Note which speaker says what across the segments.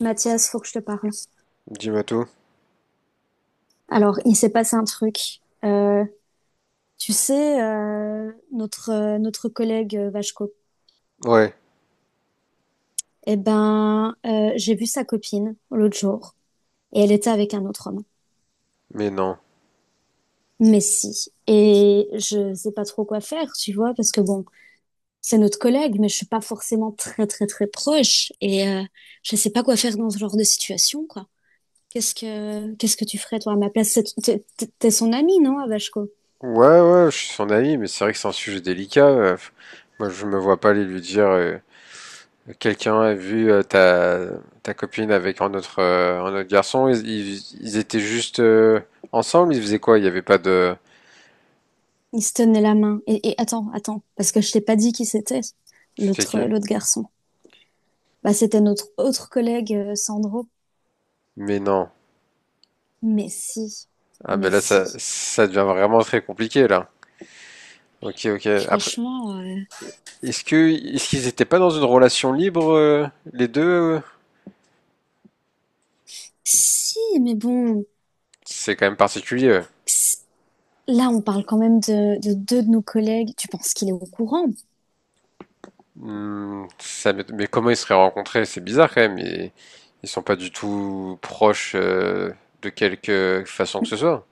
Speaker 1: Mathias, faut que je te parle.
Speaker 2: Dis-moi tout.
Speaker 1: Alors, il s'est passé un truc. Notre, notre collègue Vachko,
Speaker 2: Ouais,
Speaker 1: j'ai vu sa copine l'autre jour et elle était avec un autre homme.
Speaker 2: mais non.
Speaker 1: Mais si. Et je sais pas trop quoi faire, tu vois, parce que bon, c'est notre collègue, mais je suis pas forcément très, très, très proche je sais pas quoi faire dans ce genre de situation, quoi. Qu'est-ce que tu ferais, toi, à ma place? T'es son ami, non, à Vachko?
Speaker 2: Ouais, ouais, je suis son ami, mais c'est vrai que c'est un sujet délicat. Moi, je me vois pas aller lui dire quelqu'un a vu ta copine avec un autre garçon. Ils étaient juste ensemble, ils faisaient quoi? Il n'y avait pas de.
Speaker 1: Il se tenait la main. Et attends, attends, parce que je t'ai pas dit qui c'était,
Speaker 2: C'était qui?
Speaker 1: l'autre garçon. Bah, c'était notre autre collègue, Sandro.
Speaker 2: Mais non.
Speaker 1: Mais si,
Speaker 2: Ah, mais
Speaker 1: mais
Speaker 2: là,
Speaker 1: si.
Speaker 2: ça devient vraiment très compliqué, là. Ok, ok. Après,
Speaker 1: Franchement,
Speaker 2: est-ce que, est-ce qu'ils étaient pas dans une relation libre, les deux?
Speaker 1: si, mais bon,
Speaker 2: C'est quand même particulier.
Speaker 1: c- là, on parle quand même de deux de nos collègues. Tu penses qu'il est au courant?
Speaker 2: Mais comment ils se seraient rencontrés? C'est bizarre quand même. Ils sont pas du tout proches de quelque façon que ce soit.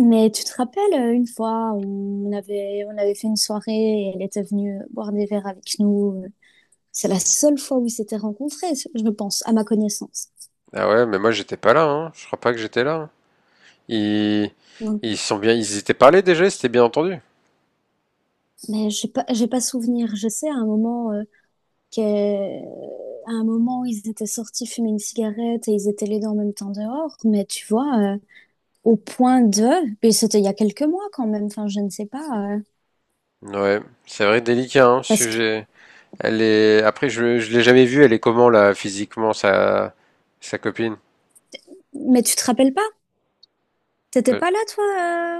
Speaker 1: Mais tu te rappelles, une fois, on avait fait une soirée et elle était venue boire des verres avec nous. C'est la seule fois où ils s'étaient rencontrés, je pense, à ma connaissance.
Speaker 2: Ah ouais, mais moi j'étais pas là, hein. Je crois pas que j'étais là, hein. Ils, ils sont bien, ils étaient parlés déjà, ils s'étaient bien entendus.
Speaker 1: Mais j'ai pas souvenir. Je sais à un moment qu'à à un moment où ils étaient sortis fumer une cigarette et ils étaient les deux en même temps dehors. Mais tu vois, au point de, et c'était il y a quelques mois quand même. Enfin, je ne sais pas.
Speaker 2: Ouais, c'est vrai, délicat, hein,
Speaker 1: Parce que,
Speaker 2: sujet. Elle est, après je l'ai jamais vue. Elle est comment là, physiquement, sa copine?
Speaker 1: mais tu te rappelles pas? T'étais
Speaker 2: Euh,
Speaker 1: pas là, toi,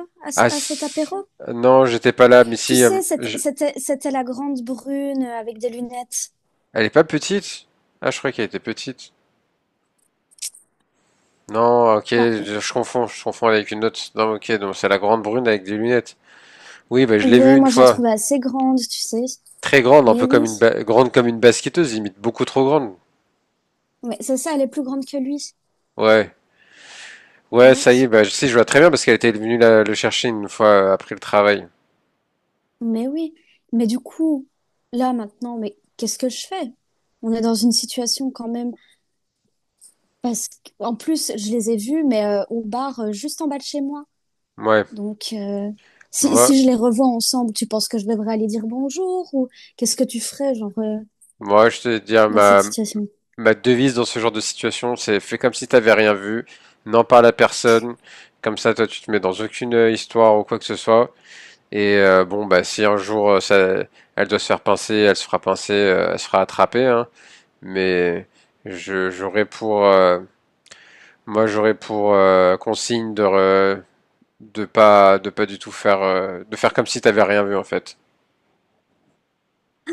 Speaker 1: à,
Speaker 2: Ah
Speaker 1: à cet apéro?
Speaker 2: si- non, j'étais pas là, mais
Speaker 1: Tu
Speaker 2: si,
Speaker 1: sais, c'était, c'était, c'était la grande brune avec des lunettes.
Speaker 2: elle est pas petite? Ah, je croyais qu'elle était petite. Non, ok,
Speaker 1: Bah,
Speaker 2: je confonds avec une autre. Non, ok, donc c'est la grande brune avec des lunettes. Oui, bah, je l'ai vue
Speaker 1: ouais,
Speaker 2: une
Speaker 1: moi je la
Speaker 2: fois.
Speaker 1: trouvais assez grande, tu sais.
Speaker 2: Très grande, un
Speaker 1: Mais
Speaker 2: peu
Speaker 1: oui,
Speaker 2: comme une grande comme une basketteuse, limite beaucoup trop grande.
Speaker 1: mais c'est ça, elle est plus grande que lui.
Speaker 2: Ouais, ouais,
Speaker 1: Ouais.
Speaker 2: ça y est, si, je vois très bien parce qu'elle était venue le chercher une fois après le travail.
Speaker 1: Mais oui, mais du coup, là maintenant, mais qu'est-ce que je fais? On est dans une situation quand même, parce qu'en plus, je les ai vus, mais au bar juste en bas de chez moi.
Speaker 2: Ouais,
Speaker 1: Donc, si,
Speaker 2: moi,
Speaker 1: si je les revois ensemble, tu penses que je devrais aller dire bonjour ou qu'est-ce que tu ferais, genre,
Speaker 2: moi, je te dire
Speaker 1: dans cette situation?
Speaker 2: ma devise dans ce genre de situation, c'est fais comme si t'avais rien vu, n'en parle à personne. Comme ça, toi, tu te mets dans aucune histoire ou quoi que ce soit. Et bon, bah, si un jour elle doit se faire pincer, elle se fera pincer, elle se fera attraper, hein. Mais j'aurais pour, moi, j'aurais pour de pas du tout faire, de faire comme si t'avais rien vu en fait.
Speaker 1: Ah,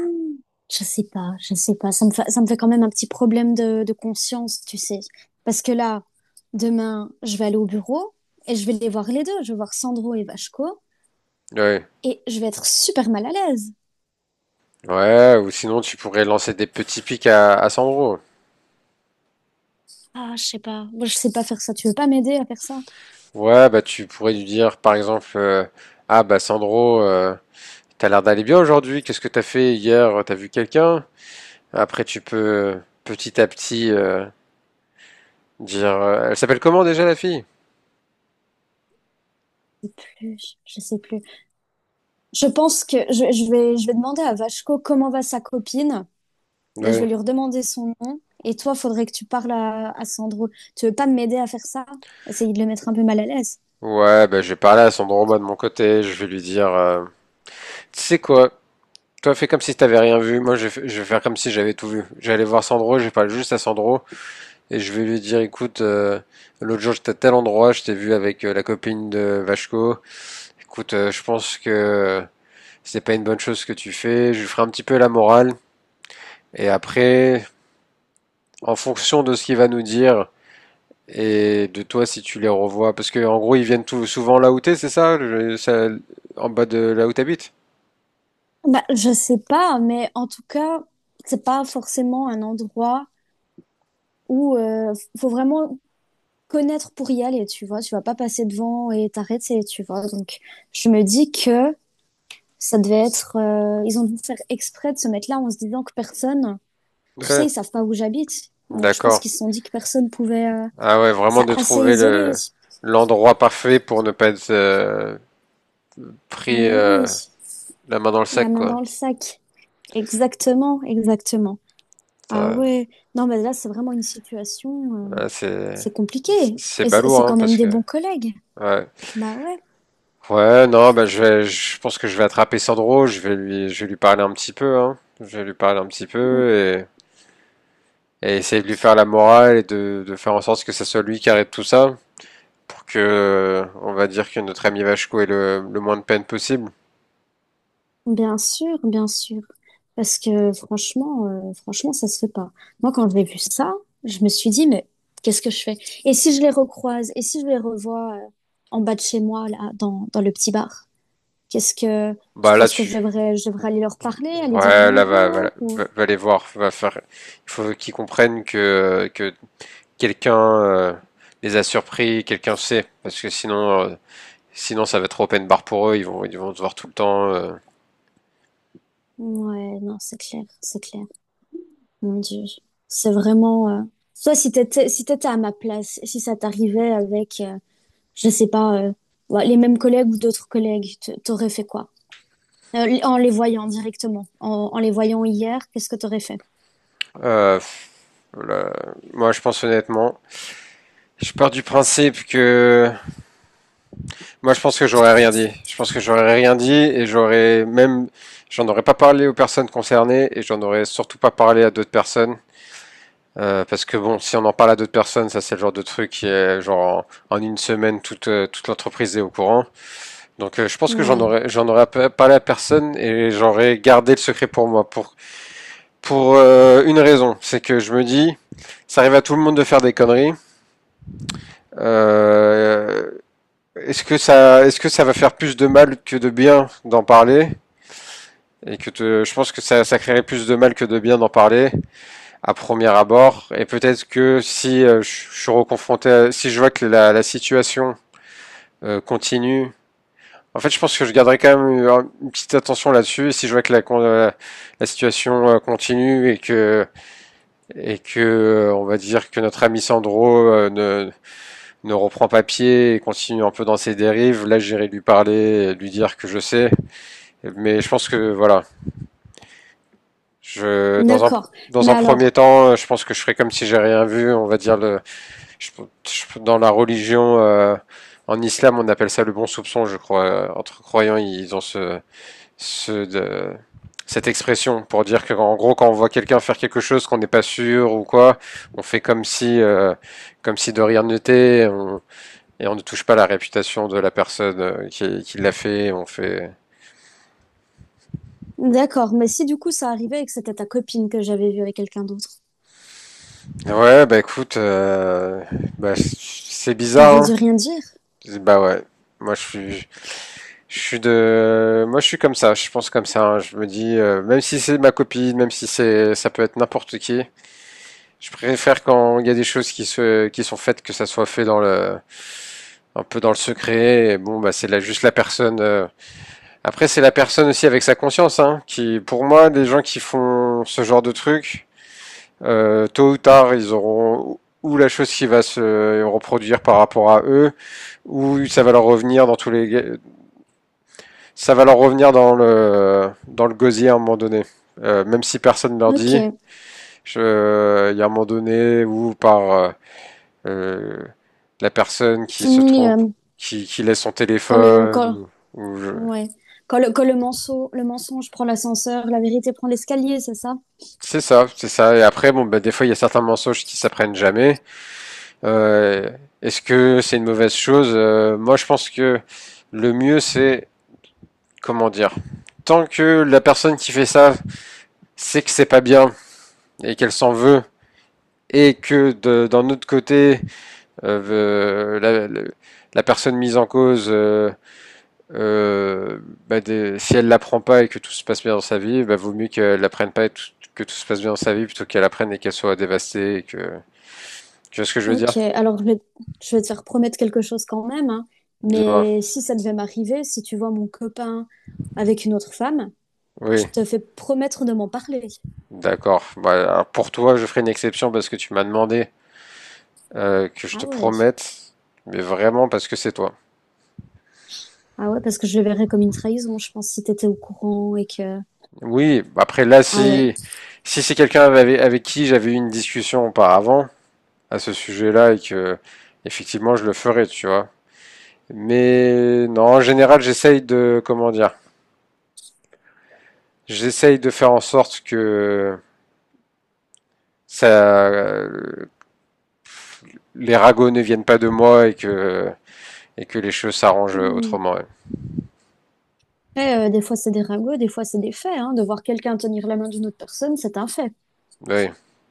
Speaker 1: je sais pas. Ça me fait quand même un petit problème de conscience, tu sais. Parce que là, demain, je vais aller au bureau et je vais les voir les deux. Je vais voir Sandro et Vachko.
Speaker 2: Ouais,
Speaker 1: Et je vais être super mal à l'aise.
Speaker 2: ouais. Ou sinon, tu pourrais lancer des petits pics à Sandro.
Speaker 1: Ah, je sais pas. Moi, je sais pas faire ça. Tu veux pas m'aider à faire ça?
Speaker 2: Ouais, bah, tu pourrais lui dire, par exemple, ah bah Sandro, t'as l'air d'aller bien aujourd'hui. Qu'est-ce que t'as fait hier? T'as vu quelqu'un? Après, tu peux petit à petit. Dire, elle s'appelle comment déjà la fille?
Speaker 1: Je sais plus. Je sais plus. Je pense que je vais demander à Vachko comment va sa copine et je vais
Speaker 2: Ouais.
Speaker 1: lui redemander son nom. Et toi, faudrait que tu parles à Sandro. Tu veux pas m'aider à faire ça? Essayer de le mettre un peu mal à l'aise.
Speaker 2: Ouais, bah, je vais parler à son droma de mon côté, je vais lui dire, tu sais quoi, toi fais comme si t'avais rien vu, moi je vais, f- je vais faire comme si j'avais tout vu. J'allais voir Sandro, je vais parler juste à Sandro, et je vais lui dire, écoute, l'autre jour j'étais à tel endroit, je t'ai vu avec la copine de Vachko, écoute, je pense que c'est pas une bonne chose ce que tu fais, je lui ferai un petit peu la morale, et après, en fonction de ce qu'il va nous dire. Et de toi, si tu les revois, parce que en gros, souvent là où t'es, c'est ça, en bas de là où t'habites?
Speaker 1: Bah, je sais pas, mais en tout cas, c'est pas forcément un endroit où faut vraiment connaître pour y aller, tu vois. Tu vas pas passer devant et t'arrêter, tu vois. Donc, je me dis que ça devait être, ils ont dû faire exprès de se mettre là en se disant que personne, tu sais,
Speaker 2: Ouais,
Speaker 1: ils savent pas où j'habite. Donc je pense
Speaker 2: d'accord.
Speaker 1: qu'ils se sont dit que personne pouvait,
Speaker 2: Ah ouais, vraiment
Speaker 1: ça
Speaker 2: de
Speaker 1: assez
Speaker 2: trouver
Speaker 1: isolé.
Speaker 2: le l'endroit parfait pour ne pas être pris
Speaker 1: Mais oui,
Speaker 2: euh, la main dans le
Speaker 1: la
Speaker 2: sac,
Speaker 1: main
Speaker 2: quoi.
Speaker 1: dans le sac. Exactement, exactement. Ah
Speaker 2: Ça,
Speaker 1: ouais. Non, mais là, c'est vraiment une situation,
Speaker 2: ouais,
Speaker 1: c'est compliqué.
Speaker 2: c'est
Speaker 1: Et c'est
Speaker 2: balourd,
Speaker 1: c'est
Speaker 2: hein,
Speaker 1: quand même
Speaker 2: parce
Speaker 1: des
Speaker 2: que
Speaker 1: bons collègues.
Speaker 2: ouais.
Speaker 1: Bah ouais.
Speaker 2: Ouais, non, je pense que je vais attraper Sandro, je vais lui parler un petit peu, hein. Je vais lui parler un petit
Speaker 1: Mm.
Speaker 2: peu et essayer de lui faire la morale et de faire en sorte que ce soit lui qui arrête tout ça, pour que, on va dire que notre ami Vachko ait le moins de peine possible.
Speaker 1: Bien sûr, bien sûr. Parce que franchement, ça se fait pas. Moi, quand j'ai vu ça, je me suis dit, mais qu'est-ce que je fais? Et si je les recroise? Et si je les revois en bas de chez moi, là, dans, dans le petit bar? Qu'est-ce que tu
Speaker 2: Bah là
Speaker 1: penses que je
Speaker 2: dessus
Speaker 1: devrais, je devrais aller leur parler, aller dire
Speaker 2: ouais là va, va,
Speaker 1: bonjour ou...
Speaker 2: va, va les voir, va faire. Il faut qu'ils comprennent que quelqu'un les a surpris, quelqu'un sait, parce que sinon ça va être open bar pour eux, ils vont se voir tout le temps.
Speaker 1: Ouais, non, c'est clair, c'est clair. Mon Dieu, c'est vraiment. Toi, si t'étais à ma place, si ça t'arrivait avec, je sais pas, ouais, les mêmes collègues ou d'autres collègues, t'aurais fait quoi? En les voyant directement, en les voyant hier, qu'est-ce que tu aurais fait?
Speaker 2: Euh, là, moi je pense honnêtement, je pars du principe que moi, je pense que j'aurais rien dit. Je pense que j'aurais rien dit et j'aurais même, j'en aurais pas parlé aux personnes concernées et j'en aurais surtout pas parlé à d'autres personnes. Parce que bon, si on en parle à d'autres personnes, ça c'est le genre de truc qui est genre en une semaine toute l'entreprise est au courant. Donc je pense que
Speaker 1: Ouais,
Speaker 2: j'en aurais pas parlé à personne et j'aurais gardé le secret pour moi pour une raison, c'est que je me dis ça arrive à tout le monde de faire des conneries. Euh, est-ce que ça va faire plus de mal que de bien d'en parler je pense que ça créerait plus de mal que de bien d'en parler à premier abord. Et peut-être que si je suis reconfronté, si je vois que la situation continue, en fait, je pense que je garderai quand même une petite attention là-dessus. Et si je vois que la situation continue et que on va dire que notre ami Sandro ne reprend pas pied et continue un peu dans ses dérives, là, j'irai lui parler, et lui dire que je sais. Mais je pense que voilà, Je, dans un,
Speaker 1: d'accord.
Speaker 2: dans
Speaker 1: Mais
Speaker 2: un premier
Speaker 1: alors,
Speaker 2: temps, je pense que je ferai comme si j'ai rien vu. On va dire le, je- je- Dans la religion, en islam, on appelle ça le bon soupçon, je crois. Entre croyants, ils ont ce de- cette expression pour dire que, en gros, quand on voit quelqu'un faire quelque chose qu'on n'est pas sûr ou quoi, on fait comme si de rien n'était. Et on ne touche pas la réputation de la personne qui l'a fait. On fait.
Speaker 1: d'accord. Mais si du coup ça arrivait et que c'était ta copine que j'avais vue avec quelqu'un d'autre,
Speaker 2: Ouais, bah écoute, bah, c'est
Speaker 1: j'aurais
Speaker 2: bizarre,
Speaker 1: dû
Speaker 2: hein.
Speaker 1: rien dire.
Speaker 2: Bah ouais, moi je suis, moi je suis comme ça, je pense comme ça, hein. Je me dis, même si c'est ma copine, même si c'est, ça peut être n'importe qui, je préfère quand il y a des choses qui sont faites que ça soit fait dans le, un peu dans le secret. Et bon, bah c'est là juste la personne. Après c'est la personne aussi avec sa conscience, hein, qui, pour moi, les gens qui font ce genre de trucs, tôt ou tard, ils auront ou la chose qui va se reproduire par rapport à eux, ou ça va leur revenir dans tous les ça va leur revenir dans dans le gosier à un moment donné. Même si personne ne leur dit,
Speaker 1: Ok.
Speaker 2: je- il y a un moment donné où par euh, la personne qui se
Speaker 1: Oui.
Speaker 2: trompe, qui laisse son
Speaker 1: Quand le,
Speaker 2: téléphone,
Speaker 1: quand,
Speaker 2: ou je-
Speaker 1: ouais. Quand le mensonge, le mensonge prend l'ascenseur, la vérité prend l'escalier, c'est ça?
Speaker 2: c'est ça, c'est ça. Et après, bon, bah, des fois, il y a certains mensonges qui s'apprennent jamais. Euh, Est-ce que c'est une mauvaise chose? Moi, je pense que le mieux, c'est comment dire. Tant que la personne qui fait ça sait que c'est pas bien et qu'elle s'en veut et que d'un autre côté, euh, la, la- la personne mise en cause, euh, si elle l'apprend pas et que tout se passe bien dans sa vie, bah, vaut mieux qu'elle l'apprenne pas et que tout se passe bien dans sa vie plutôt qu'elle apprenne et qu'elle soit dévastée. Et que... Tu vois ce que je veux dire?
Speaker 1: Ok. Alors, je vais te faire promettre quelque chose quand même, hein.
Speaker 2: Dis-moi.
Speaker 1: Mais si ça devait m'arriver, si tu vois mon copain avec une autre femme, je
Speaker 2: Oui,
Speaker 1: te fais promettre de m'en parler.
Speaker 2: d'accord. Bah, alors, pour toi, je ferai une exception parce que tu m'as demandé que je te
Speaker 1: Ah ouais.
Speaker 2: promette, mais vraiment parce que c'est toi.
Speaker 1: Ah ouais, parce que je le verrais comme une trahison, je pense, si t'étais au courant et que...
Speaker 2: Oui, après là,
Speaker 1: Ah ouais.
Speaker 2: si c'est quelqu'un avec, avec qui j'avais eu une discussion auparavant, à ce sujet-là et que effectivement je le ferai, tu vois. Mais non, en général, j'essaye de comment dire, j'essaye de faire en sorte que ça, euh, les ragots ne viennent pas de moi et que les choses s'arrangent
Speaker 1: Hmm.
Speaker 2: autrement, ouais.
Speaker 1: Après, des fois, c'est des ragots, des fois, c'est des faits. Hein. De voir quelqu'un tenir la main d'une autre personne, c'est un fait.
Speaker 2: Oui,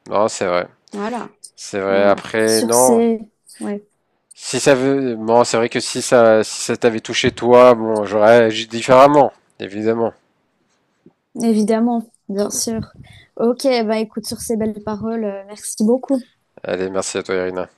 Speaker 2: non, c'est vrai,
Speaker 1: Voilà.
Speaker 2: c'est vrai.
Speaker 1: Voilà.
Speaker 2: Après,
Speaker 1: Sur
Speaker 2: non.
Speaker 1: ces... Ouais,
Speaker 2: Si ça veut, bon, c'est vrai que si si ça t'avait touché toi, bon, j'aurais agi différemment, évidemment.
Speaker 1: évidemment, bien sûr. Ok, bah écoute, sur ces belles paroles, merci beaucoup.
Speaker 2: Allez, merci à toi, Irina.